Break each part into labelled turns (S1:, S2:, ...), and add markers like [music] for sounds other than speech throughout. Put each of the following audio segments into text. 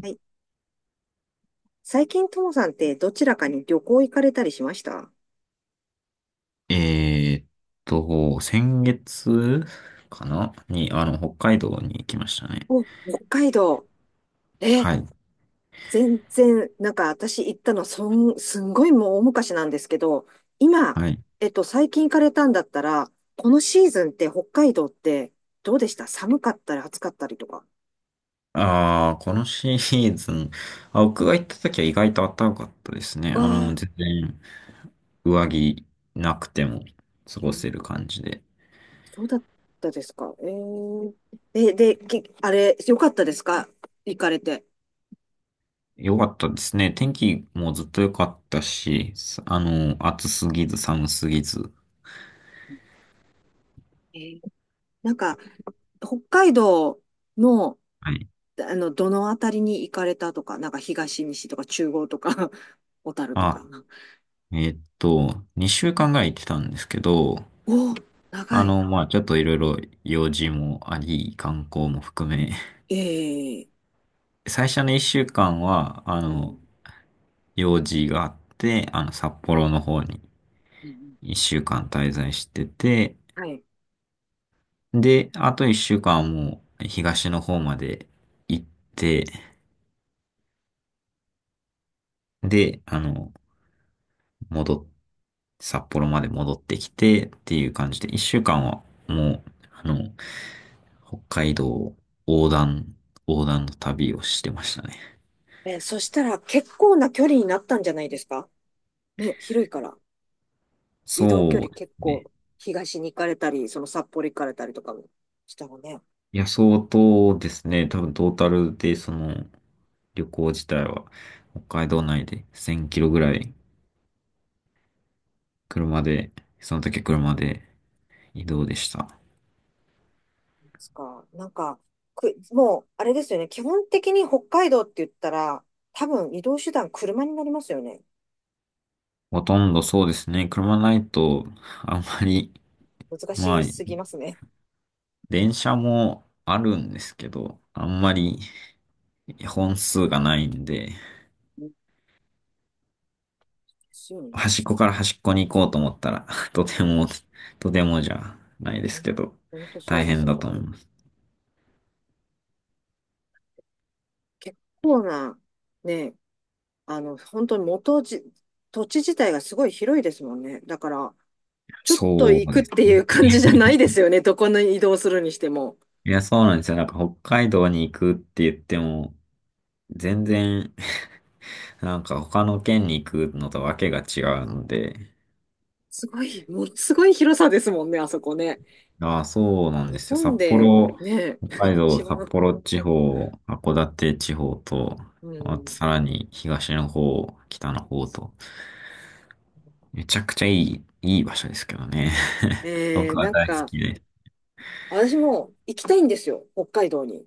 S1: はい。最近、ともさんってどちらかに旅行行かれたりしました？
S2: えーっ先月かなに、北海道に行きましたね。
S1: お、北海道。え、
S2: はい。
S1: 全然、なんか私行ったの、そん、すんごいもう大昔なんですけど、今、
S2: はい。
S1: 最近行かれたんだったら、このシーズンって北海道ってどうでした？寒かったり暑かったりとか。
S2: ああ、このシーズン、あ、僕が行った時は意外と暖かかったですね。
S1: ああ、
S2: 全然上着なくても過
S1: う
S2: ごせ
S1: ん
S2: る感じで。
S1: そうだったですか。えー、え、で、きあれ、よかったですか行かれて。
S2: 良かったですね。天気もずっと良かったし、さあの、暑すぎず寒すぎず。
S1: えー、なんか、北海道の
S2: はい。
S1: どのあたりに行かれたとか、なんか東、西とか中央とか、[laughs] 小樽と
S2: あ、
S1: か。
S2: 2週間ぐらい行ってたんですけど、
S1: おお、長い。
S2: まあちょっといろいろ用事もあり、観光も含め、
S1: ええ、
S2: [laughs] 最初の一週間は、
S1: うんうん
S2: 用事があって、札幌の方に
S1: うんうん、
S2: 一週間滞在してて、
S1: はい。
S2: で、あと一週間はもう東の方まで行って、で、戻っ、札幌まで戻ってきてっていう感じで、一週間はもう、あの、北海道横断、横断の旅をしてましたね。
S1: えー、そしたら結構な距離になったんじゃないですか？ね、広いから。移動距
S2: そう
S1: 離
S2: で
S1: 結
S2: すね。
S1: 構、東に行かれたり、その札幌行かれたりとかもしたのね。
S2: いや、相当ですね。多分トータルで、旅行自体は、北海道内で1000キロぐらい、車で、その時車で移動でした。
S1: ですか。なんか、く、もう、あれですよね。基本的に北海道って言ったら、多分移動手段車になりますよね。
S2: ほとんどそうですね。車ないと、あんまり、
S1: 難
S2: まあ、
S1: しすぎますね。
S2: 電車もあるんですけど、あんまり本数がないんで、
S1: うんですよね。
S2: 端っこから端っこに行こうと思ったら、[laughs] とて
S1: うん、
S2: も、とてもじゃないですけど、
S1: 本当そう
S2: 大
S1: で
S2: 変
S1: す
S2: だ
S1: ね。
S2: と思います。
S1: 結構な、ね、本当に元じ、土地自体がすごい広いですもんね。だから、ちょっと
S2: そ
S1: 行
S2: う
S1: くっ
S2: です。
S1: てい
S2: 本
S1: う
S2: 当に。
S1: 感じじゃないですよね。どこに移動するにしても。
S2: いや、そうなんですよ。なんか北海道に行くって言っても、全然 [laughs] なんか他の県に行くのとわけが違うので、
S1: すごい、ものすごい広さですもんね、あそこね。
S2: ああ、そうなんで
S1: 日
S2: すよ。札
S1: 本で、
S2: 幌、
S1: ね、
S2: 北
S1: [laughs]
S2: 海道、
S1: 一
S2: 札
S1: 番。
S2: 幌地方、函館地方と、
S1: う
S2: あとさ
S1: ん。
S2: らに東の方、北の方と、めちゃくちゃいい場所ですけどね。[laughs]
S1: えー、
S2: 僕は
S1: なん
S2: 大好
S1: か、
S2: きで。
S1: 私も行きたいんですよ、北海道に。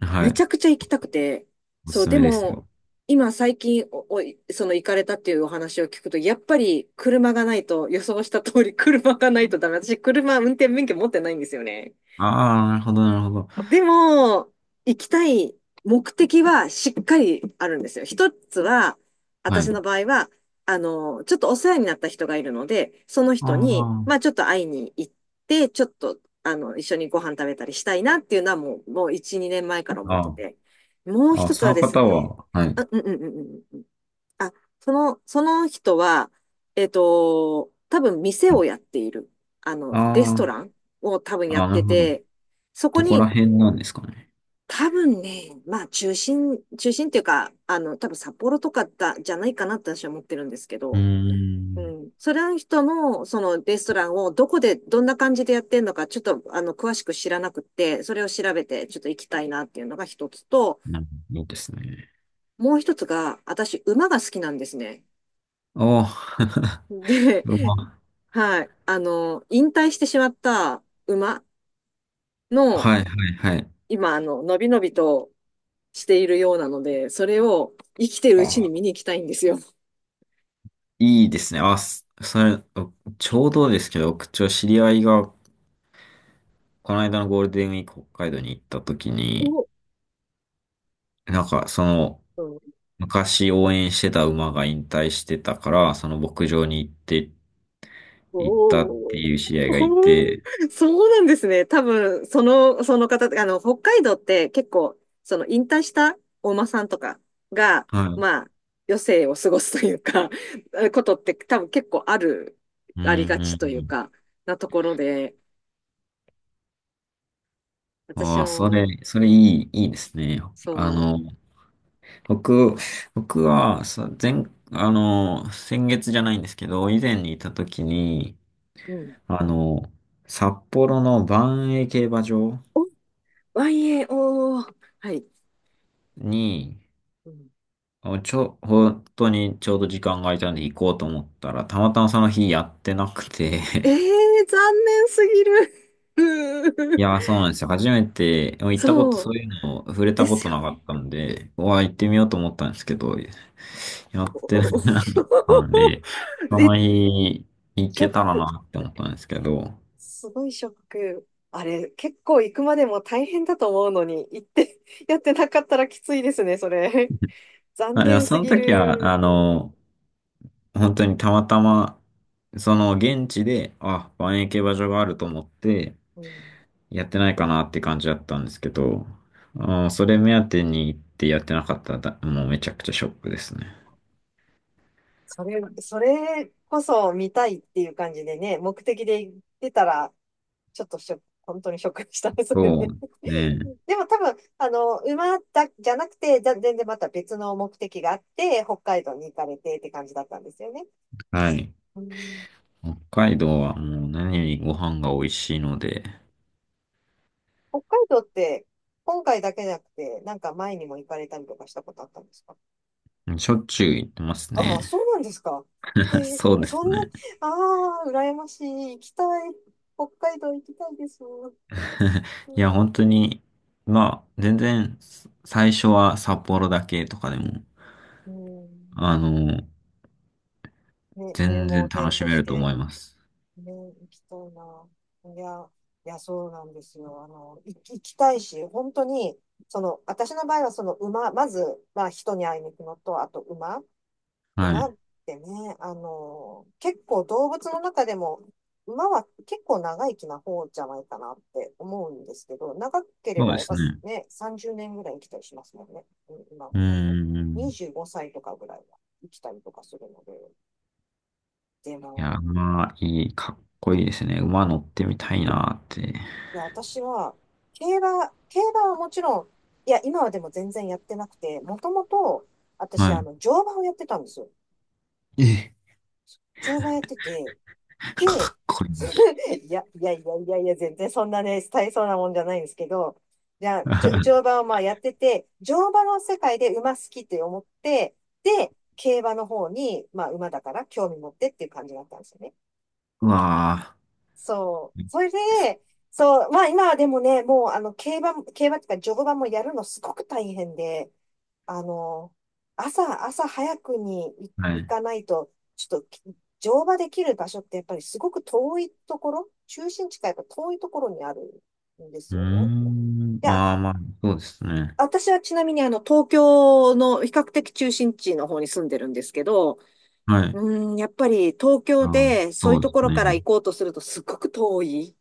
S2: は
S1: めち
S2: い。
S1: ゃくちゃ行きたくて、
S2: お
S1: そ
S2: す
S1: う、
S2: す
S1: で
S2: めです
S1: も、
S2: よ。
S1: 今最近お、おいその行かれたっていうお話を聞くと、やっぱり車がないと、予想した通り車がないとダメ。私、車運転免許持ってないんですよね。
S2: ああ、なるほど、なるほど。
S1: でも、行きたい目的はしっかりあるんですよ。一つは、
S2: は
S1: 私
S2: い。
S1: の場合は、ちょっとお世話になった人がいるので、その人に、ま
S2: あ
S1: あちょっと会いに行って、ちょっと、一緒にご飯食べたりしたいなっていうのはもう、もう1、2年前から思
S2: あ、
S1: って
S2: あ
S1: て。もう
S2: あ、ああ
S1: 一つ
S2: そ
S1: は
S2: の
S1: です
S2: 方
S1: ね、
S2: は、はい。
S1: あ、うんうんうんうん。あ、その、その人は、多分店をやっている。あの、レスト
S2: あ
S1: ランを多分
S2: あ、
S1: やっ
S2: ああ、なる
S1: て
S2: ほど。
S1: て、そこ
S2: どこら
S1: に
S2: 辺なんですかね。
S1: 多分ね、まあ中心、中心っていうか、多分札幌とかだ、じゃないかなって私は思ってるんですけ
S2: うー
S1: ど、う
S2: ん。
S1: ん。それの人の、そのレストランをどこで、どんな感じでやってんのか、ちょっと、詳しく知らなくって、それを調べて、ちょっと行きたいなっていうのが一つと、
S2: なるほいいど。ですね。
S1: もう一つが、私、馬が好きなんですね。
S2: おー [laughs]
S1: で、
S2: ロマ
S1: [laughs]
S2: ン
S1: はい。あの、引退してしまった馬
S2: [laughs]。
S1: の、
S2: はいはいはい。
S1: 今、のびのびとしているようなので、それを生きてるうちに
S2: あ、
S1: 見に行きたいんですよ。
S2: いいですね。あ、すそれ、ちょうどですけど、僕ちょ、知り合いが、この間のゴールデンウィーク北海道に行った時に、
S1: お、
S2: なんか、
S1: お
S2: 昔応援してた馬が引退してたから、その牧場に行って、行っ
S1: お、
S2: たっていう知り合いがいて、
S1: [laughs] そうなんですね。多分、その、その方、北海道って結構、その引退したお馬さんとかが、
S2: はい。
S1: まあ、余生を過ごすというか、[laughs] ことって多分結構ある、
S2: うん
S1: ありがち
S2: う
S1: と
S2: ん
S1: い
S2: う
S1: う
S2: ん
S1: か、なところで、私
S2: ああ、
S1: も、
S2: それいい、いいですね。あ
S1: そ
S2: の、僕、僕は、前、先月じゃないんですけど、以前にいた時に、
S1: う、うん。
S2: あの、札幌の万栄競馬場
S1: お、YAO、はい。
S2: に、あちょ、本当にちょうど時間が空いたんで行こうと思ったら、たまたまその日やってなくて
S1: ええー、残念すぎる。[laughs] う
S2: い
S1: ー
S2: やー、そうなんですよ。初めて、行ったこと、
S1: そ
S2: そ
S1: う、
S2: ういうのを触れ
S1: で
S2: たこ
S1: す
S2: と
S1: よ
S2: なか
S1: ね。
S2: ったんで、うわー、行ってみようと思ったんですけど、やって
S1: おお
S2: なかったんで、
S1: [laughs]
S2: そ
S1: え、
S2: の日、行
S1: ショッ
S2: けたら
S1: ク。
S2: なって思ったんですけど、
S1: すごいショック。あれ、結構行くまでも大変だと思うのに、行って [laughs] やってなかったらきついですね、それ。残
S2: あ、でも
S1: 念
S2: そ
S1: す
S2: の
S1: ぎ
S2: 時は、
S1: る。
S2: 本当にたまたま、その現地で、あ、万円競馬場があると思って、
S1: うん、
S2: やってないかなって感じだったんですけど、あー、それ目当てに行ってやってなかったら、だもうめちゃくちゃショックですね。
S1: それ、それこそ見たいっていう感じでね、目的で行ってたら、ちょっとショック、本当にショックでしたね、それ
S2: そ
S1: で。
S2: うね。
S1: [laughs] でも多分、馬だ、じゃなくて、じゃ全然また別の目的があって、北海道に行かれてって感じだったんですよね。
S2: はい。
S1: うん、
S2: 北海道はもう何よりご飯が美味しいので、
S1: 北海道って、今回だけじゃなくて、なんか前にも行かれたりとかしたことあったんですか？
S2: しょっちゅう行ってます
S1: ああ、
S2: ね。
S1: そうなんですか。え
S2: [laughs]
S1: ー、
S2: そうです
S1: そんな、
S2: ね。
S1: ああ、羨ましい。行きたい。北海道行きたいです。
S2: [laughs]
S1: うん、
S2: いや、本当に、まあ、全然、最初は札幌だけとかでも、
S1: うん、
S2: あの、
S1: ね、入
S2: 全然
S1: 門
S2: 楽
S1: 編
S2: し
S1: と
S2: め
S1: し
S2: ると
S1: て。
S2: 思います。
S1: ね、行きたいな。いや、いや、そうなんですよ。行き行きたいし、本当に、その、私の場合は、その馬、まず、まあ、人に会いに行くのと、あと馬。
S2: は
S1: 馬
S2: い。
S1: ってね、結構動物の中でも、馬は結構長生きな方じゃないかなって思うんですけど、長けれ
S2: そう
S1: ば
S2: で
S1: やっ
S2: す
S1: ぱ
S2: ね。
S1: ね、30年ぐらい生きたりしますもんね、うん今
S2: うー
S1: もね。
S2: ん。
S1: 25歳とかぐらいは生きたりとかするので、で
S2: いや、
S1: も、
S2: かっこいいですね。馬乗ってみたいなって。
S1: いや、私は、競馬、競馬はもちろん、いや、今はでも全然やってなくて、もともと、私、
S2: は
S1: 乗馬をやってたんですよ。
S2: い。え
S1: 乗馬やってて、
S2: [laughs]
S1: で、
S2: かっこいい。
S1: [laughs] いや、いやいやいやいや、全然そんなね、大層なもんじゃないんですけど、じゃあ、じょ乗
S2: [laughs]
S1: 馬をまあやってて、乗馬の世界で馬好きって思って、で、競馬の方に、まあ馬だから興味持ってっていう感じだったんですよね。
S2: うわー
S1: そう。それで、そう、まあ今はでもね、もうあの、競馬、競馬っていうか乗馬もやるのすごく大変で、あの、朝、朝早くにい
S2: は
S1: 行
S2: い。
S1: かないと、ちょっとき乗馬できる場所ってやっぱりすごく遠いところ、中心地からやっぱ遠いところにあるんです
S2: うー
S1: よね。
S2: ん。
S1: で、あ、
S2: ああ、まあ、そうですね。
S1: 私はちなみに東京の比較的中心地の方に住んでるんですけど、
S2: はい。
S1: やっぱり東京
S2: ああ、
S1: でそうい
S2: そ
S1: う
S2: うで
S1: とこ
S2: す
S1: ろから
S2: ね。
S1: 行こうとするとすっごく遠い。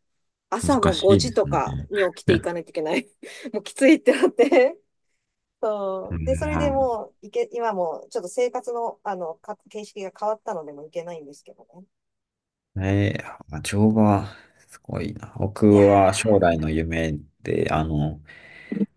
S1: 朝
S2: 難
S1: も
S2: し
S1: 5
S2: いで
S1: 時
S2: す
S1: とかに起き
S2: ね。
S1: ていか
S2: [laughs]
S1: ないといけない。[laughs] もうきついってなって。[laughs]
S2: う
S1: そう。で、それで
S2: ん。
S1: もう、いけ、今もうちょっと生活の、か、形式が変わったのでもういけないんですけどね。うん、
S2: あ乗馬、すごいな。僕
S1: いや
S2: は将来
S1: ー、
S2: の夢で、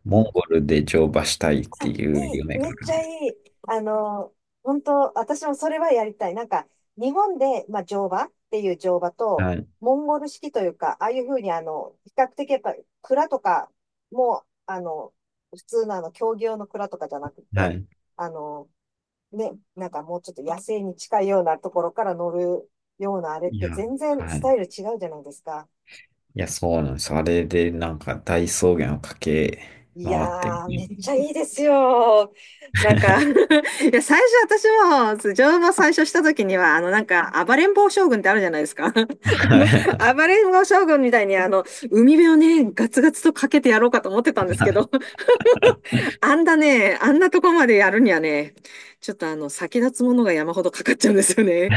S2: モンゴルで乗馬したいって
S1: い
S2: いう夢
S1: い、
S2: が
S1: め
S2: あ
S1: っ
S2: る
S1: ち
S2: ん
S1: ゃ
S2: です。
S1: いい。あの、本当私もそれはやりたい。なんか、日本で、まあ、乗馬っていう乗馬と、
S2: はい。
S1: モンゴル式というか、ああいうふうに、比較的やっぱ、蔵とかも、普通のあの、競技用の蔵とかじゃなくて、
S2: はい。
S1: あの、ね、なんかもうちょっと野生に近いようなところから乗るようなあれっ
S2: い
S1: て
S2: や、
S1: 全然
S2: は
S1: ス
S2: い。
S1: タイル違うじゃないですか。
S2: いや、そうなんです。あれで、なんか、大草原を駆け
S1: い
S2: 回って
S1: やー、
S2: み
S1: め
S2: る。
S1: っちゃいいですよ。なんか [laughs] い
S2: [laughs]
S1: や、最初私も、乗馬最初した時には、なんか、暴れん坊将軍ってあるじゃないですか。[laughs]
S2: は
S1: の、
S2: い。
S1: 暴れん坊将軍みたいに、海辺をね、ガツガツとかけてやろうかと思ってたんですけど、
S2: [laughs]
S1: [laughs] あんだね、あんなとこまでやるにはね、ちょっと先立つものが山ほどかかっちゃうんですよね。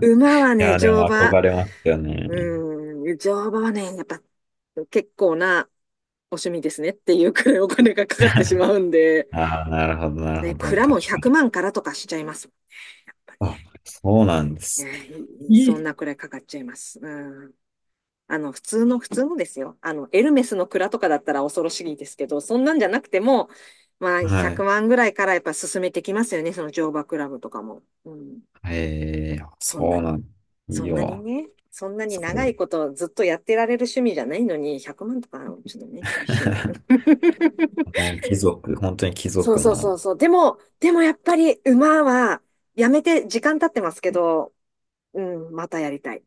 S1: 馬は
S2: い
S1: ね、
S2: や、で
S1: 乗
S2: も
S1: 馬。
S2: 憧れますよね。
S1: 乗馬はね、やっぱ結構なお趣味ですねっていうくらいお金がかかってしまうんで、
S2: ああ、なるほど、なる
S1: ね、
S2: ほど。確
S1: 蔵
S2: か
S1: も100
S2: に。
S1: 万からとかしちゃいます。やっぱね、
S2: あ、そうなんですね。
S1: ね、いい
S2: い
S1: そん
S2: い。
S1: なくらいかかっちゃいます。うん。普通の、普通のですよ。あの、エルメスの蔵とかだったら恐ろしいですけど、そんなんじゃなくても、まあ、
S2: は
S1: 100
S2: い。
S1: 万ぐらいからやっぱ進めてきますよね、その乗馬クラブとかも。うん。
S2: ええ
S1: そんな
S2: そうな
S1: に、
S2: ん、い
S1: そ
S2: い
S1: んなに
S2: よ。
S1: ね、そんなに
S2: すご
S1: 長
S2: い。
S1: いことずっとやってられる趣味じゃないのに、100万とか、ちょっとね、厳しいよね。
S2: [laughs]
S1: [laughs]
S2: 本当に貴
S1: そう
S2: 族
S1: そうそ
S2: の、
S1: うそう。でも、でもやっぱり馬はやめて時間経ってますけど、うん、またやりたい。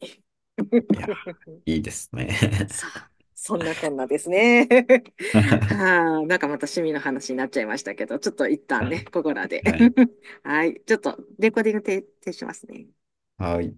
S2: いや、
S1: [laughs]
S2: いいですね。
S1: さあ、そんなこんなですね。[laughs]
S2: [laughs] は
S1: はあ、なんかまた趣味の話になっちゃいましたけど、ちょっと一旦ね、ここらで。
S2: い。
S1: [laughs] はい、ちょっとレコーディング停停止しますね。
S2: はい。